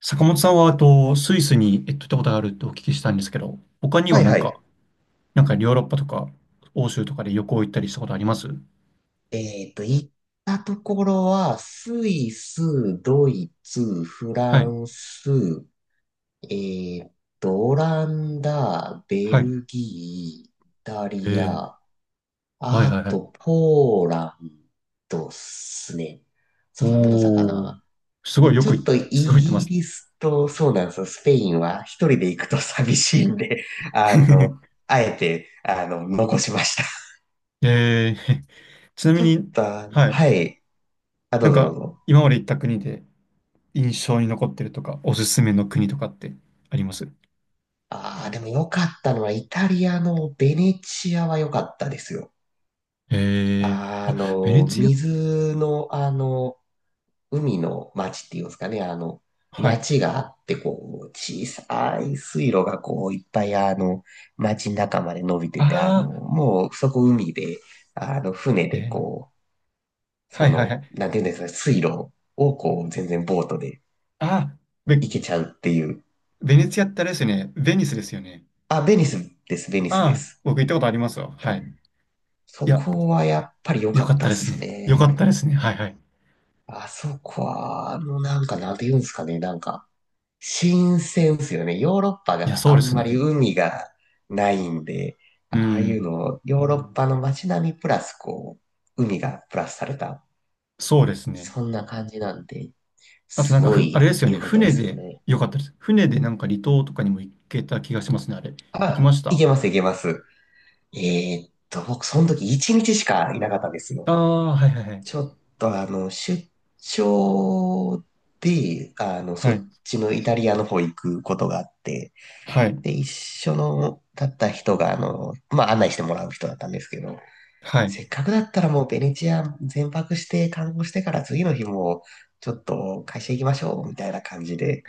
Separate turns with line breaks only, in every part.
坂本さんは、スイスに、行ったことがあるってお聞きしたんですけど、他に
は
は
い
なん
は
か、
い。
なんかヨーロッパとか、欧州とかで旅行行ったりしたことあります
行ったところは、スイス、ドイツ、フ
は
ラ
い。
ンス、えっオランダ、ベ
はい。
ルギー、イタリ
ええ。
ア、
はいはい
あ
はい。
と、ポーランドっすね。そんなものだったか
おお、
な。で、ちょっとイ
すごい行ってま
ギ
す。
リスと、そうなんですよ、スペインは一人で行くと寂しいんで、あの、あえて、残しました。
えー、ちなみ
ちょっ
に、
と、
はい。
はい。あ、ど
な
う
ん
ぞどう
か、
ぞ。
今まで行った国で印象に残ってるとか、おすすめの国とかってあります
ああ、でも良かったのは、イタリアのベネチアは良かったですよ。
えー、あ、ベネツィア。
水の、海の町っていうんですかね、
はい。
町があって、こう、小さい水路がこう、いっぱい、町の中まで伸びて
あ
て、
あ、
もう、そこ海で、船
ベ
で
ネ、
こう、
は
そ
いはいは
の、
い。
なんていうんですかね、水路をこう、全然ボートで
ああ、べ、
行けちゃうっていう。
ベネツィアってあれですよね。ベニスですよね。
あ、ベニスです、ベニスで
ああ、
す。
僕行ったことありますよ。はい。
そ
いや、
こはやっぱり良
よ
か
か
っ
った
たっ
です
す
ね。よかった
ね。
ですね。はいはい。
あそこは、なんか、なんて言うんですかね。なんか、新鮮っすよね。ヨーロッパ
いや、
が
そう
あ
で
ん
す
まり
ね。
海がないんで、
う
ああいう
ん。
の、ヨーロッパの街並みプラス、こう、海がプラスされた、
そうですね。
そんな感じなんで、
あと
す
なんか
ご
あれで
い
すよね。
良かったで
船
すよ
で、
ね。
よかったです。船でなんか離島とかにも行けた気がしますね、あれ。行きま
あ、
した
い
あ。
けます、いけます。僕、その時1日しかいなかったんですよ。
あー、はいはいはい。
ちょっと出張で、そ
はい。
っちのイタリアの方行くことがあって、
はい。
で、一緒の、だった人が、まあ、案内してもらう人だったんですけど、
はい。
せっかくだったらもうベネチア全泊して観光してから次の日も、ちょっと会社行きましょう、みたいな感じで、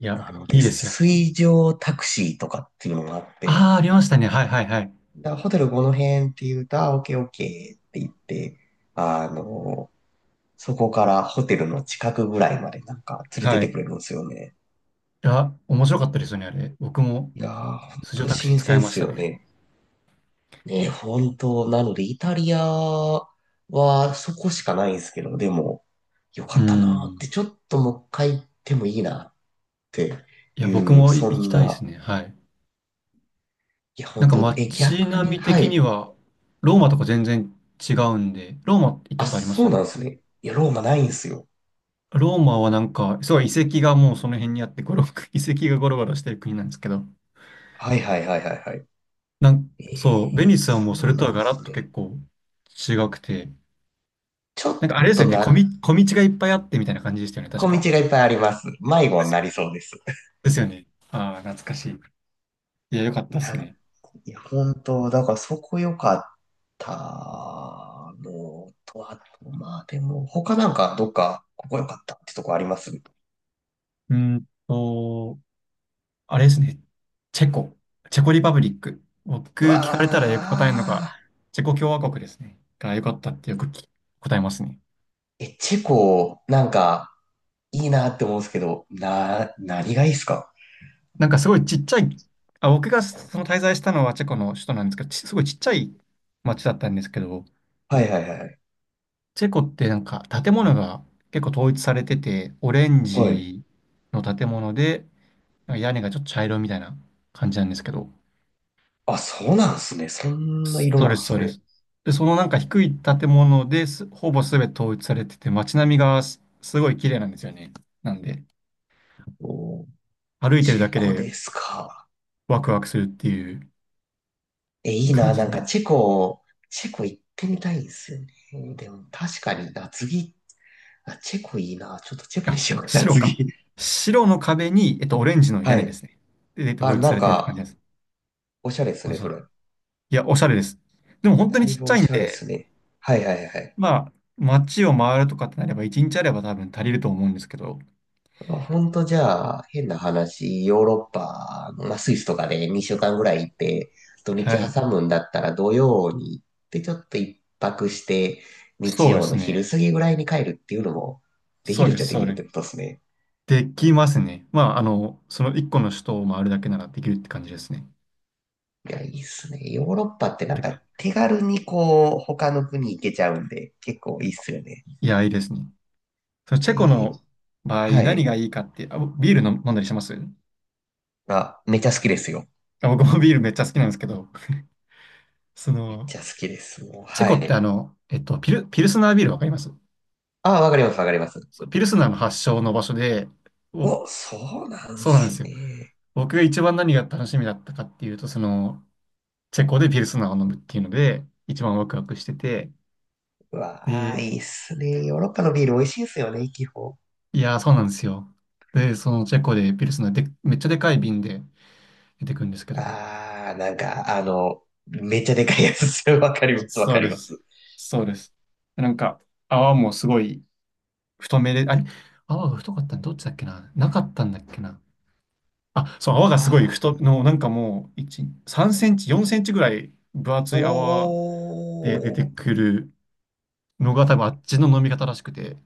いや、い
で、
いですよね。
水上タクシーとかっていうのがあって、
ああ、ありましたね。はいはいはい。
だからホテルこの辺って言うと、あ、オッケーオッケーって言って、あの、そこからホテルの近くぐらいまでなんか連れてっ
はい。
て
い
くれるんですよね。
や、面白かったですよね、あれ。僕も、
いやー、ほん
水上
と
タクシー
新
使
鮮
い
っ
まし
す
た
よ
ね。
ね。ね、本当なので、イタリアはそこしかないんですけど、でも、よ
う
かったなーって、
ん。
ちょっともう一回行ってもいいなって
いや、
い
僕
う、
もい
そ
行き
ん
たいで
な、
すね。はい。
いや、
なん
本
か
当
街
逆
並
に、
み
は
的に
い。
は、ローマとか全然違うんで、ローマ行った
あ、
ことありま
そ
す
うなんですね。いや、ローマないんですよ。
ローマはなんか、すごい遺跡がもうその辺にあって、遺跡がゴロゴロしてる国なんですけど、
はいはいはいはいはい。
なん、
え
そう、ベニ
ー、
スはも
そ
うそれ
うな
と
ん
は
で
ガラ
す
ッと
ね。
結構違くて、
ちょっ
なんかあれですよ
と
ね、
な、
小道がいっぱいあってみたいな感じでしたよね、確
小
か。
道がいっぱいあります。迷子になりそうです。
ですよね。ああ、懐かしい。いや、よかったです
な、
ね。
いや、本当、だからそこ良かったのと、あと、まあでも、他なんかどっか、ここ良かったってとこありますう？
うーんと、あれですね。チェコ。チェコリパブリック。僕、聞かれたらよく答えるのが、
わ
チェコ共和国ですね。が良かったってよく答えますね。
ー。え、チェコ、なんか、いいなって思うんですけど、何がいいっすか？
なんかすごいちっちゃい、あ、僕がその滞在したのはチェコの首都なんですけど、すごいちっちゃい町だったんですけど、
はいはいはい。
チェコってなんか建物が結構統一されてて、オレン
はい。
ジの建物で、なんか屋根がちょっと茶色みたいな感じなんですけど、
あ、そうなんすね。そんな色
そう
な
で
ん
す、そ
す
うで
ね。
す。で、そのなんか低い建物ですほぼ全て統一されてて、街並みがすごい綺麗なんですよね。なんで、
おー、
歩いてる
チ
だ
ェ
け
コ
で
ですか。
ワクワクするっていう
え、いい
感
な。
じ
なんか
で。
チェコ行ってみたいんですよね。でも、確かに、夏着っあ、チェコいいな。ちょっとチェコに
あ、
しようかな、
白
次。
か。白の壁に、オレンジの屋
は
根です
い。
ね。で、で統
あ、
一さ
なん
れてるって感じで
か、
す。
おしゃれです
そう
ね、
そ
そ
う。
れ。
いや、おしゃれです。でも本当
だ
に
い
ちっ
ぶ
ちゃ
お
いん
しゃれで
で、
すね。はいはいはい。
まあ、街を回るとかってなれば、一日あれば多分足りると思うんですけど。
まあほんとじゃあ、変な話、ヨーロッパの、まあ、スイスとかで2週間ぐらい行って、土日
はい。
挟むんだったら土曜に行って、ちょっと一泊して、日
そうで
曜
す
の昼
ね。
過ぎぐらいに帰るっていうのも、でき
そう
るっ
で
ち
す、
ゃで
そう
きるっ
で
てこと
す。
ですね。
できますね。まあ、あの、その一個の首都を回るだけならできるって感じですね。
いや、いいっすね。ヨーロッパってなん
て
か
か、
手軽にこう、他の国行けちゃうんで、結構いいっすよね。
いや、いいですね。そのチェコ
で、
の場合、
は
何が
い。
いいかって、あ、ビール飲んだりします
あ、めっちゃ好きですよ。
あ、僕もビールめっちゃ好きなんですけど、そ
めっち
の、
ゃ好きです。もう、
チェ
は
コって
い。
あの、ピルスナービールわかります
あ、わかります、わかります。
そうピルスナーの発祥の場所で、お、
お、そうなん
そうなんで
す
すよ。
ね。
僕が一番何が楽しみだったかっていうと、その、チェコでピルスナーを飲むっていうので、一番ワクワクしてて、
うわあ、
で、
いいっすね。ヨーロッパのビール美味しいっすよね、基本。
いやー、そうなんですよ。で、そのチェコでピルスので、めっちゃでかい瓶で出てくるんですけど、
ああなんか、めっちゃでかいやつっすよ。わかります、わ
そ
か
う
り
で
ま
す。
す。
そうです。なんか泡もすごい太めで、あれ、泡が太かったのどっちだっけな、なかったんだっけな。あ、そう、泡がすごい
あ
太、の、なんかもう、1、3センチ、4センチぐらい分
あ
厚い泡で出て
おー。
くるのが多分あっちの飲み方らしくて、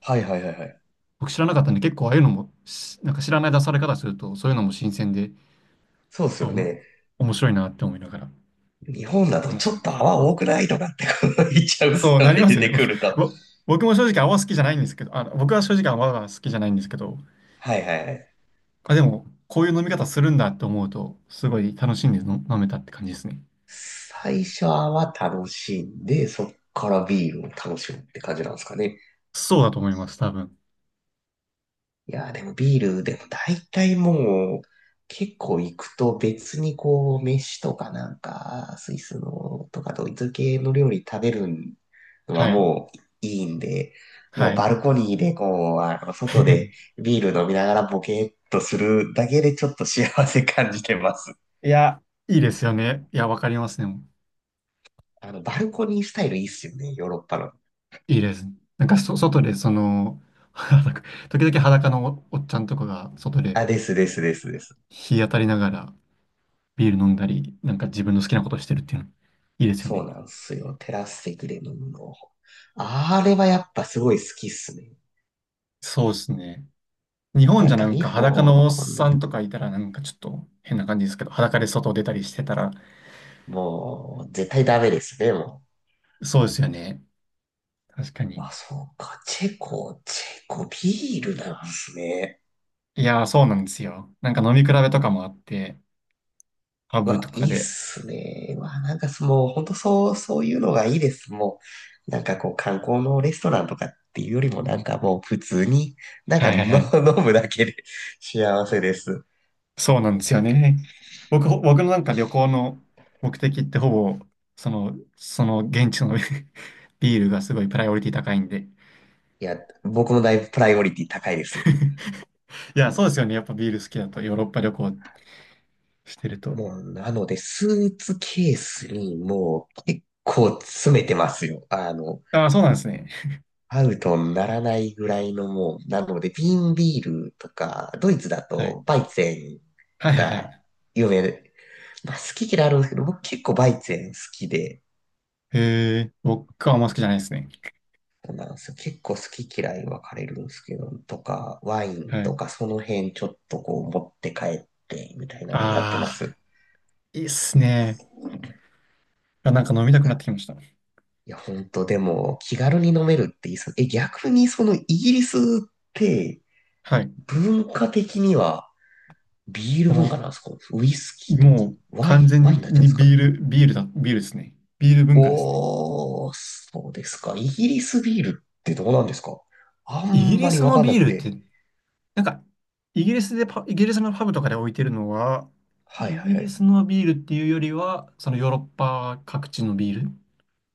はいはいはいはい。
僕知らなかったんで結構ああいうのもなんか知らない出され方すると、そういうのも新鮮で、
そうっす
あ、
よ
おも、
ね。
面白いなって思いながら
日本だと
楽
ち
し
ょ
んで
っ
まし
と
たね。
泡多くないとかってこう言っちゃうっす
そう
よ
なり
ね、
ま
出
すよね。
てくる と。
ぼ僕も正直泡好きじゃないんですけど、あ、僕は正直泡が好きじゃないんですけど、
はいはいはい。
あ、でも、こういう飲み方するんだって思うと、すごい楽しんで飲めたって感じですね。
最初は楽しんで、そっからビールを楽しむって感じなんですかね。
そうだと思います、多分。
いやー、でもビール、でも大体もう、結構行くと別にこう、飯とかなんか、スイスのとかドイツ系の料理食べるのは
はい。
もういいんで、
は
もう
い。
バルコニーでこう、外で ビール飲みながらボケっとするだけでちょっと幸せ感じてます。
いや、いいですよね。いや、わかりますね。
バルコニースタイルいいっすよね、ヨーロッパの。
いいです。なんか外で、その、裸時々裸のおっちゃんとかが、外で
あ、ですですですです。
日当たりながらビール飲んだり、なんか自分の好きなことしてるっていうの、いいですよ
そう
ね。
なんですよ。テラス席で飲むの。あれはやっぱすごい好きっすね。
そうですね。日本
な
じ
ん
ゃ
か
なん
日
か裸
本
のおっ
だ
さ
と、
んとかいたらなんかちょっと変な感じですけど、裸で外出たりしてたら、
もう絶対ダメですね、も
そうですよね。確か
う。あ、
に。
そうか。チェコビールなんすね。
いやー、そうなんですよ。なんか飲み比べとかもあって、ハ
う
ブ
わ、
とか
いいっ
で。
すね。うわ、なんかそもう本当そう、そういうのがいいです。もう、なんかこう観光のレストランとかっていうよりもなんかもう普通に、なんか
はい
の
はいはい。
飲むだけで幸せです。
そうなんですよね。僕のなんか旅行の目的ってほぼ、その現地の ビールがすごいプライオリティ高いんで。
いや、僕のだいぶプライオリティ高いですよ。
いや、そうですよね。やっぱビール好きだとヨーロッパ旅行してると。
もう、なので、スーツケースにもう結構詰めてますよ。
ああ、そうなんですね。
アウトにならないぐらいのもう、なので、ビーンビールとか、ドイツだ
はい。
とバイゼ
はい
ン
はいは
が
い。
有名で、まあ好き嫌いあるんですけど、僕結構バイゼン好きで、
へえ、僕はあんま好きじゃないですね。
そうなんですよ。結構好き嫌い分かれるんですけど、とか、ワイン
は
と
い。
か、その辺ちょっとこう持って帰って、みたいなのやって
あ
ま
あ、
す。
いいっすね。あ、なんか飲みたくなってきました。
いや、ほんと、でも、気軽に飲めるっていいっすね。え、逆にそのイギリスって、
はい。
文化的にはビール文化
も
なんですか？ウイスキ
う、
ーなんです
も
か？
う完
ワイン
全
になっちゃうん
に
ですか？
ビールですね。ビール文化ですね。
おー、そうですか。イギリスビールってどうなんですか？あ
イギ
んま
リ
り
ス
わ
の
かんな
ビー
く
ルって、
て。
なんか、イギリスのパブとかで置いてるのは、
はい
イ
はい
ギ
は
リ
い。
スのビールっていうよりは、そのヨーロッパ各地のビール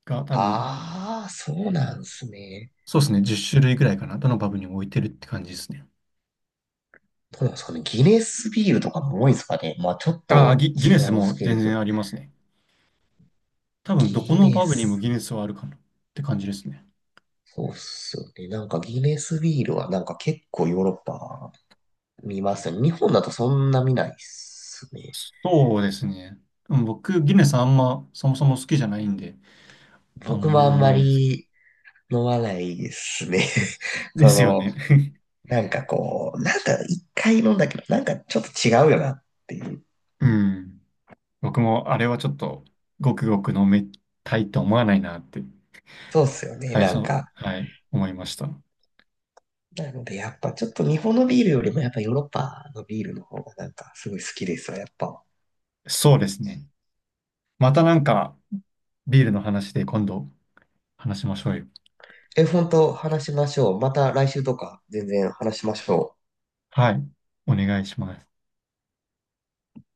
が多分、
あー、そうなんですね。
そうですね、10種類ぐらいかな。どのパブにも置いてるって感じですね。
どうなんですかね。ギネスビールとかも多いんですかね。まあちょっ
ああ、
と
ギ
違
ネス
うんです
も
けれ
全
ど。
然ありますね。多分、どこ
ギ
の
ネ
パブにも
ス。
ギネスはあるかなって感じですね。
そうっすよね。なんかギネスビールはなんか結構ヨーロッパ見ますね。日本だとそんな見ないっすね。
そうですね。うん、僕、ギネスあんま、そもそも好きじゃないんで、あ
僕
んま
もあ
飲
ん
ま
ま
ないですけど。
り飲まないですね。
で
そ
すよ
の、
ね。
なんかこう、なんか一回飲んだけど、なんかちょっと違うよなっていう。
うん。僕もあれはちょっと、ごくごく飲めたいと思わないなって、
そうっすよね。
はい、
なん
そう、
か。
はい、思いました。
なのでやっぱちょっと日本のビールよりもやっぱヨーロッパのビールの方がなんかすごい好きですわ、やっぱ。
そうですね。またなんか、ビールの話で今度話しましょうよ。
え、本当話しましょう。また来週とか全然話しましょう。
はい、お願いします。